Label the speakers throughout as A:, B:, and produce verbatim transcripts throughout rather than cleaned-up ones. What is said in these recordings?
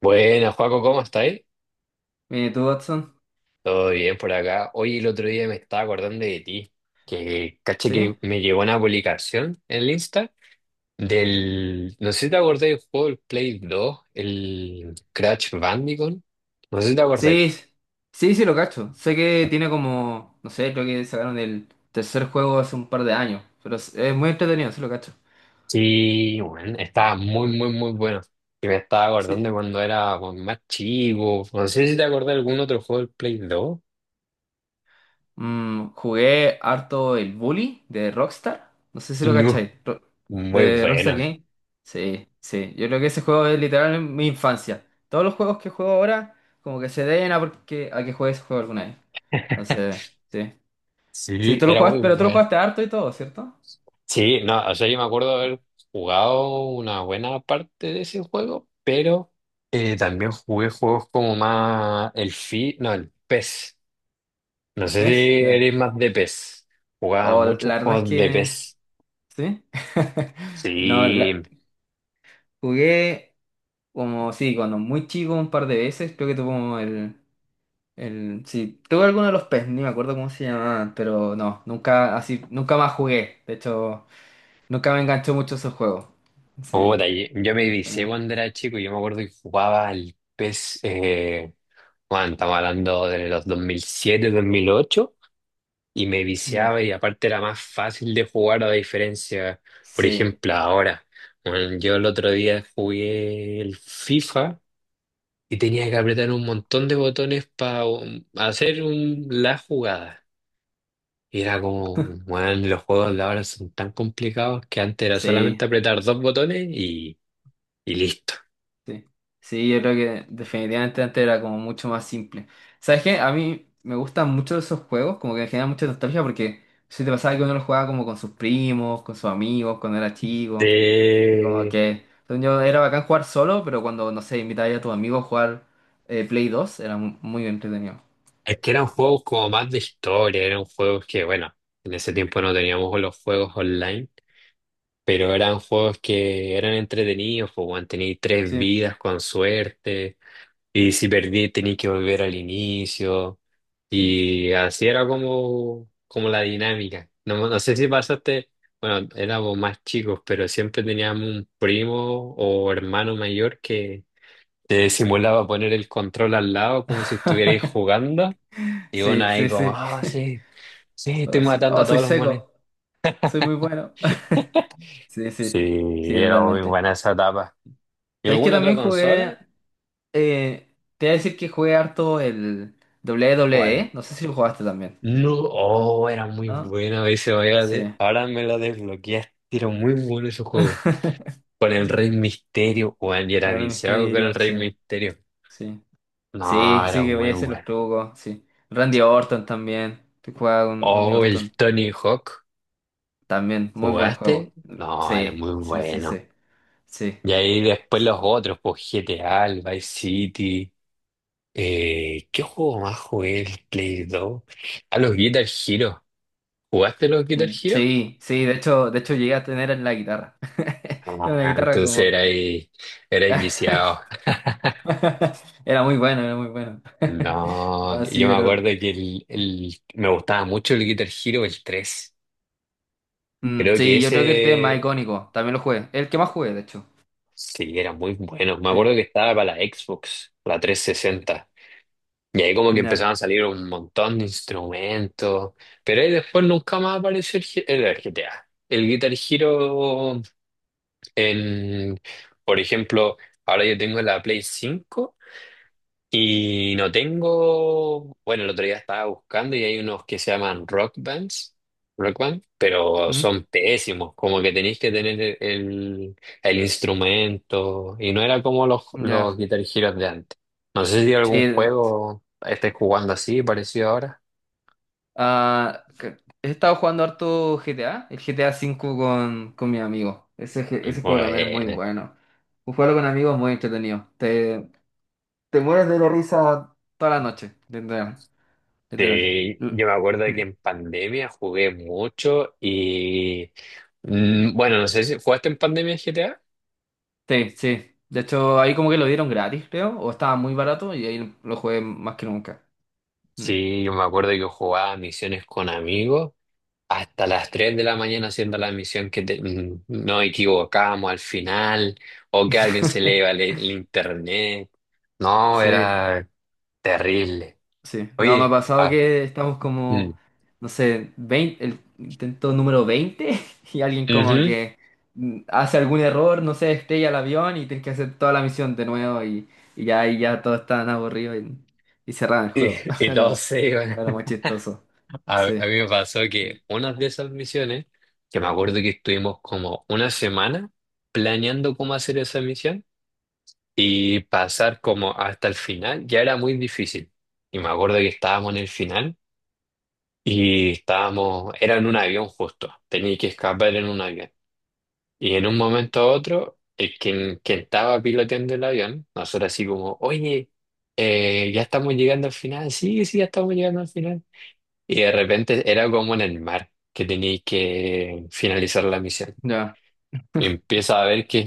A: Buenas, Joaco, ¿cómo estáis?
B: Mire tú, Watson.
A: Todo bien por acá. Hoy el otro día me estaba acordando de ti, que caché que
B: ¿Sí?
A: me llegó una publicación en el Insta del, no sé si te acordáis del juego del Play dos, el Crash Bandicoot, no sé si te acordáis.
B: Sí, sí, sí, lo cacho. Sé que tiene como, no sé, creo que sacaron el tercer juego hace un par de años, pero es, es muy entretenido, sí lo cacho.
A: Sí, bueno, estaba muy, muy, muy bueno. Y me estaba
B: Sí.
A: acordando de cuando era pues, más chico, no sé si te acordás de algún otro juego del Play dos.
B: Mm, jugué harto el Bully de Rockstar. No sé si lo
A: No,
B: cacháis. Ro-
A: muy
B: de Rockstar
A: bueno.
B: Game. Sí, sí. Yo creo que ese juego es literal mi infancia. Todos los juegos que juego ahora, como que se deben a, porque, a que juegue ese juego alguna vez. Entonces, sí. Sí,
A: Sí,
B: tú lo
A: era
B: jugaste,
A: muy
B: pero tú lo
A: bueno.
B: jugaste harto y todo, ¿cierto?
A: Sí, no, o sea, yo me acuerdo haber jugado una buena parte de ese juego, pero eh, también jugué juegos como más el Fi, no, el P E S. No
B: El
A: sé si
B: P E S.
A: eres más de P E S. Jugaba
B: O
A: muchos
B: la verdad es
A: juegos de
B: que
A: P E S.
B: sí. No,
A: Sí,
B: la- jugué como, sí, cuando muy chico un par de veces, creo que tuve como el, el, sí, tuve alguno de los P E S, ni me acuerdo cómo se llamaban, pero no, nunca, así, nunca más jugué. De hecho, nunca me enganchó mucho esos juegos. Sí,
A: puta, y- yo me vicié
B: pero,
A: cuando era chico y yo me acuerdo que jugaba el P E S, eh, bueno, estamos hablando de los dos dos mil siete, dos mil ocho. Y me
B: mm,
A: viciaba y aparte era más fácil de jugar a diferencia, por
B: sí,
A: ejemplo, ahora. Bueno, yo el otro día jugué el FIFA y tenía que apretar un montón de botones para hacer un, la jugada. Y era como, bueno, los juegos de ahora son tan complicados que antes era solamente
B: sí.
A: apretar dos botones y, y listo.
B: Sí, sí, yo creo que definitivamente antes era como mucho más simple. ¿Sabes qué? A mí me gustan mucho esos juegos, como que me generan mucha nostalgia porque si te pasaba que uno los jugaba como con sus primos, con sus amigos, cuando era chico, y como
A: Eh,
B: que según yo era bacán jugar solo, pero cuando, no sé, invitaba a tus amigos a jugar eh, Play dos era mu- muy entretenido.
A: es que eran juegos como más de historia, eran juegos que, bueno, en ese tiempo no teníamos los juegos online. Pero eran juegos que eran entretenidos, pues, weón, tení tres
B: Sí,
A: vidas con suerte, y si perdí tení que volver al inicio,
B: sí.
A: y así era como, como la dinámica. No, no sé si pasaste, bueno, éramos más chicos, pero siempre teníamos un primo o hermano mayor que te simulaba poner el control al lado como si estuvierais jugando, y uno
B: Sí,
A: ahí
B: sí,
A: como,
B: sí.
A: ah, sí, sí, estoy
B: Oh, sí.
A: matando
B: Oh,
A: a
B: soy
A: todos los monedas.
B: seco, soy muy bueno. Sí,
A: Sí,
B: sí, sí,
A: era muy
B: totalmente.
A: buena esa etapa. ¿Y
B: ¿Sabes que
A: alguna otra
B: también jugué?
A: consola?
B: eh, te voy a decir que jugué harto el
A: ¿Cuál?
B: W W E. No sé si lo jugaste también,
A: No, oh, era muy
B: ¿no?
A: buena ese, vaya de-
B: Sí.
A: ahora me lo desbloqueaste, era muy bueno ese juego. Con el Rey
B: Sí,
A: Misterio, weón, y era
B: Padre del
A: viciado con el
B: Misterio,
A: Rey
B: sí,
A: Misterio.
B: sí.
A: No,
B: Sí,
A: era
B: sí, que voy
A: muy
B: a hacer los
A: bueno.
B: trucos, sí. Randy Orton también. Te jugaba con Randy
A: Oh, el
B: Orton.
A: Tony Hawk,
B: También, muy buen
A: ¿jugaste?
B: juego.
A: No, era
B: Sí,
A: muy
B: sí, sí,
A: bueno.
B: sí. Sí.
A: Y ahí después los otros, pues G T A, el Vice City. Eh, ¿qué juego más jugué? El Play dos. A los Guitar Hero. ¿Jugaste los Guitar
B: Mm,
A: Hero?
B: sí, sí, de hecho, de hecho llegué a tener en la guitarra. Era una
A: Ah,
B: guitarra
A: entonces
B: como.
A: era
B: de-
A: ahí, era ahí viciado.
B: Era muy bueno, era muy bueno.
A: No,
B: No, sí,
A: yo me acuerdo
B: ¿verdad?
A: que el, el- me gustaba mucho el Guitar Hero, el tres.
B: Mm,
A: Creo que
B: sí, yo creo que el tres es más
A: ese
B: icónico. También lo jugué. El que más jugué, de hecho.
A: sí era muy bueno. Me acuerdo
B: Sí.
A: que estaba para la Xbox, la trescientos sesenta. Y ahí como que
B: Ya.
A: empezaban a salir un montón de instrumentos. Pero ahí después nunca más apareció el, G- el G T A. El Guitar Hero en, por ejemplo, ahora yo tengo la Play cinco. Y no tengo, bueno, el otro día estaba buscando y hay unos que se llaman rock bands, rock band, pero
B: Mm,
A: son pésimos, como que tenéis que tener el, el el instrumento y no era como los, los
B: ya.
A: Guitar Heroes de antes. No sé si
B: Sí.
A: algún juego estés jugando así, parecido ahora.
B: Ah, que- he estado jugando harto G T A. El G T A cinco con, con mi amigo. Ese, je- ese juego también es muy
A: Bueno,
B: bueno. Jugarlo con amigos es muy entretenido. Te, te mueres de la risa toda la noche. Literal. Literal.
A: este,
B: L-
A: yo me acuerdo de
B: mm.
A: que en pandemia jugué mucho y, mm, bueno, no sé si jugaste en pandemia G T A.
B: Sí, sí. De hecho, ahí como que lo dieron gratis, creo, o estaba muy barato y ahí lo jugué más que nunca. Mm.
A: Sí, yo me acuerdo que yo jugaba misiones con amigos hasta las tres de la mañana haciendo la misión que te- mm, nos equivocábamos al final o que a alguien se le iba el, el internet. No,
B: Sí,
A: era terrible.
B: sí. No, me ha
A: Oye,
B: pasado
A: ah,
B: que estamos
A: mm,
B: como, no sé, veinte, el intento número veinte y alguien como
A: ujú,
B: que mm, hace algún error, no sé, estrella el avión y tienes que hacer toda la misión de nuevo y, y ya, y ya todos están aburridos y, y cerraron el
A: y,
B: juego.
A: y todos
B: Lo,
A: se
B: lo
A: iban.
B: era muy chistoso.
A: A,
B: Sí.
A: a mí me pasó que una de esas misiones, que me acuerdo que estuvimos como una semana planeando cómo hacer esa misión, y pasar como hasta el final ya era muy difícil. Y me acuerdo que estábamos en el final y estábamos, era en un avión justo, tenía que escapar en un avión. Y en un momento a otro, el quien, quien estaba piloteando el avión, nosotros así como, oye, eh, ya estamos llegando al final, sí, sí, ya estamos llegando al final. Y de repente era como en el mar que tenía que finalizar la misión.
B: Ya.
A: Empieza a ver que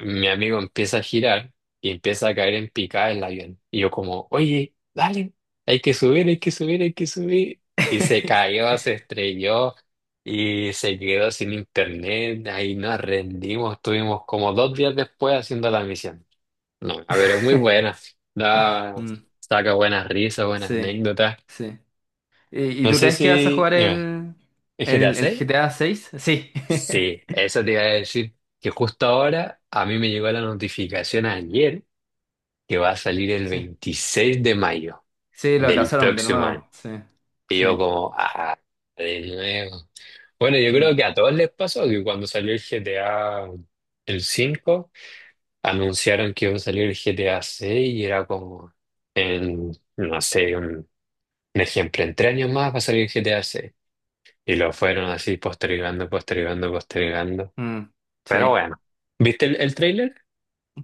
A: mi amigo empieza a girar y empieza a caer en picada el avión. Y yo como, oye, dale, hay que subir, hay que subir, hay que subir. Y se cayó, se estrelló y se quedó sin internet. Ahí nos rendimos, estuvimos como dos días después haciendo la misión. No, a ver, es muy buena. Da,
B: Mm,
A: saca buenas risas, buenas
B: sí,
A: anécdotas.
B: sí. ¿Y, y
A: No
B: tú
A: sé
B: crees que vas a
A: si.
B: jugar
A: Dime,
B: el,
A: ¿es G T A?
B: el, el G T A seis? Sí.
A: Sí, eso te iba a decir, que justo ahora a mí me llegó la notificación ayer que va a salir el
B: Sí.
A: veintiséis de mayo
B: Sí, lo
A: del
B: atrasaron de
A: próximo año.
B: nuevo. Sí.
A: Y yo
B: Sí.
A: como, ah, de nuevo. Bueno, yo
B: Mm,
A: creo que a todos les pasó que cuando salió el G T A, el cinco, anunciaron que iba a salir el G T A seis y era como, en, no sé, un, un ejemplo, en tres años más va a salir el G T A seis. Y lo fueron así postergando, postergando, postergando.
B: mm,
A: Pero
B: sí.
A: bueno, ¿viste el, el tráiler?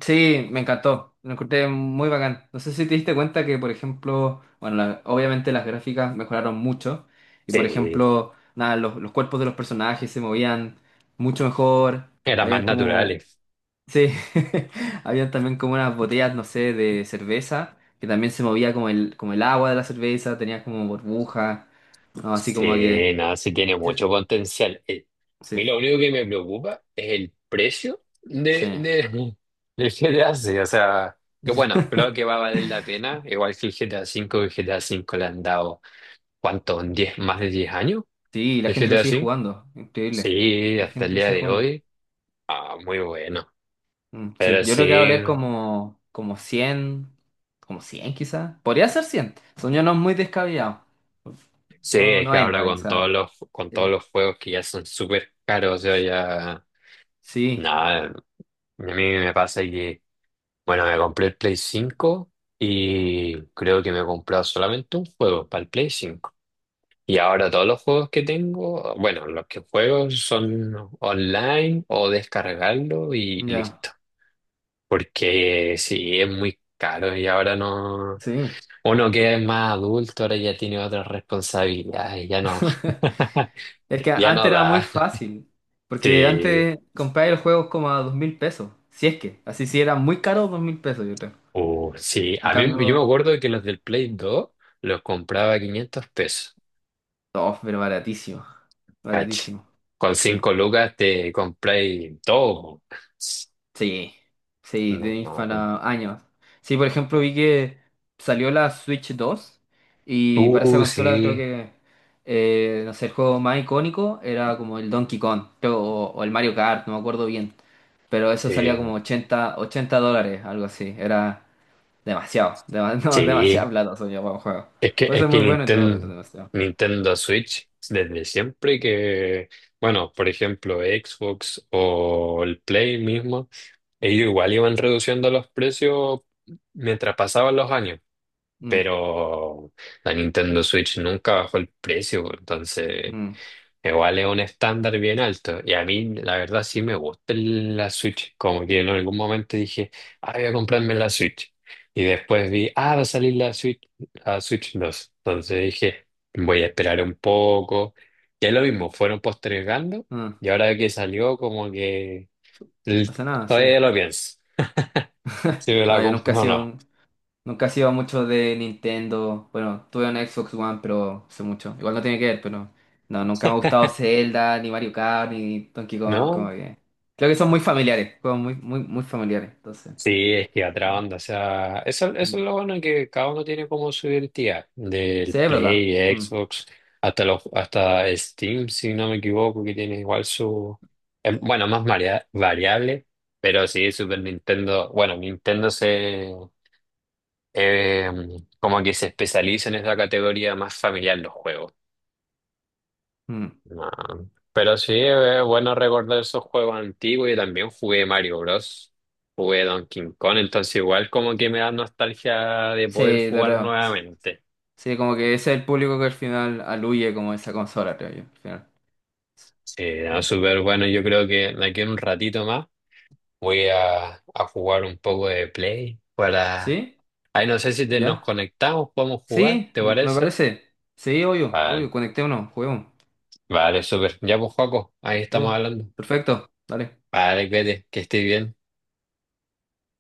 B: Sí, me encantó. Lo encontré muy bacán. No sé si te diste cuenta que, por ejemplo, bueno, la- obviamente las gráficas mejoraron mucho. Y, por
A: Sí,
B: ejemplo, nada, los, los cuerpos de los personajes se movían mucho mejor.
A: eran más
B: Habían como.
A: naturales.
B: Sí, habían también como unas botellas, no sé, de cerveza, que también se movía como el, como el agua de la cerveza, tenía como burbuja, ¿no? Así como que...
A: Sí, nada, sí tiene
B: Sí,
A: mucho potencial. Eh, A
B: sí,
A: mí lo único que me preocupa es el precio de,
B: sí.
A: de, del G T A seis. O sea, que bueno, creo que va a valer la pena. Igual que el G T A cinco. El G T A cinco le han dado, ¿cuánto? ¿Un diez, más de diez años?
B: Sí, la
A: ¿El
B: gente lo
A: G T A
B: sigue
A: cinco?
B: jugando, increíble.
A: Sí,
B: La
A: hasta el
B: gente lo
A: día
B: sigue
A: de
B: jugando.
A: hoy. Ah, muy bueno.
B: Mm, sí,
A: Pero
B: yo creo que va a
A: sí.
B: valer como, como cien, como cien quizás. Podría ser cien son yo no muy descabellados.
A: Sí,
B: O
A: es que ahora
B: noventa
A: con
B: quizás.
A: todos los, con todos
B: Sí,
A: los juegos que ya son súper caros, yo ya.
B: sí,
A: Nada, a mí me pasa que, bueno, me compré el Play cinco y creo que me he comprado solamente un juego para el Play cinco. Y ahora todos los juegos que tengo, bueno, los que juego son online o descargarlo y
B: ya,
A: listo. Porque sí, es muy caro y ahora no.
B: sí.
A: Uno que es más adulto ahora ya tiene otras responsabilidades, ya no.
B: Es que
A: Ya
B: antes
A: no
B: era muy
A: da.
B: fácil, porque
A: Sí,
B: antes comprar el juego como a dos mil pesos, si es que, así si era muy caro, dos mil pesos yo creo.
A: uh, sí.
B: En
A: A mí, yo me
B: cambio,
A: acuerdo que los del Play dos los compraba a quinientos pesos,
B: oh, pero baratísimo,
A: caché.
B: baratísimo,
A: Con
B: sí,
A: cinco lucas te compré todo.
B: sí, sí, tenéis
A: No,
B: para años. Sí, por ejemplo, vi que salió la Switch dos y para esa
A: uh,
B: consola creo
A: sí,
B: que, eh, no sé, el juego más icónico era como el Donkey Kong, creo, o, o el Mario Kart, no me acuerdo bien, pero eso salía
A: sí,
B: como ochenta ochenta dólares, algo así, era... Demasiado, dema- no, demasiada
A: sí.
B: plata soy yo para un juego.
A: Es que,
B: Puede
A: es
B: ser
A: que
B: muy bueno y todo, pero
A: Nintendo,
B: demasiado.
A: Nintendo Switch, desde siempre que, bueno, por ejemplo, Xbox o el Play mismo, ellos igual iban reduciendo los precios mientras pasaban los años.
B: Mm,
A: Pero la Nintendo Switch nunca bajó el precio, pues, entonces
B: mm,
A: igual es un estándar bien alto. Y a mí, la verdad, sí me gusta el- la Switch. Como que en algún momento dije, ah, voy a comprarme la Switch. Y después vi, ah, va a salir la Switch, la Switch dos. Entonces dije, voy a esperar un poco. Y es lo mismo, fueron postergando
B: mm.
A: y ahora que salió, como que l-
B: O sea, nada, sí.
A: todavía lo pienso. Si me la
B: No, yo nunca
A: compro
B: he
A: o
B: sido,
A: no.
B: un- nunca he sido mucho de Nintendo. Bueno, tuve un Xbox One, pero sé mucho. Igual no tiene que ver, pero no, nunca me ha gustado Zelda, ni Mario Kart, ni Donkey Kong, como
A: ¿No?
B: que. Creo que son muy familiares, juegos muy, muy, muy familiares. Entonces,
A: Sí, es que otra
B: no.
A: onda, o sea, eso, eso
B: Mm.
A: es lo bueno que cada uno tiene como su identidad, del
B: Sí, es verdad.
A: Play,
B: Mm,
A: Xbox, hasta los, hasta Steam, si no me equivoco, que tiene igual su, eh, bueno, más varia- variable, pero sí, Super Nintendo, bueno, Nintendo se, eh, como que se especializa en esa categoría más familiar los juegos.
B: mm.
A: No. Pero sí, es bueno recordar esos juegos antiguos y también jugué Mario Bros. Jugué Donkey Kong, entonces igual como que me da nostalgia de poder
B: Sí,
A: jugar
B: claro.
A: nuevamente.
B: Sí, como que ese es el público que al final aluye como esa consola, creo yo, al final.
A: Sí, no,
B: Ah.
A: súper bueno. Yo creo que de aquí en un ratito más voy a, a jugar un poco de Play para.
B: ¿Sí?
A: Ay, no sé si te- nos
B: ¿Ya?
A: conectamos, podemos jugar,
B: Sí,
A: ¿te
B: m- me
A: parece?
B: parece. Sí, obvio, obvio,
A: Vale,
B: conectémonos, juguemos.
A: vale, súper. Ya pues, Joaco, ahí
B: Ya,
A: estamos
B: pues.
A: hablando.
B: Perfecto, dale.
A: Vale, vete, que estés bien.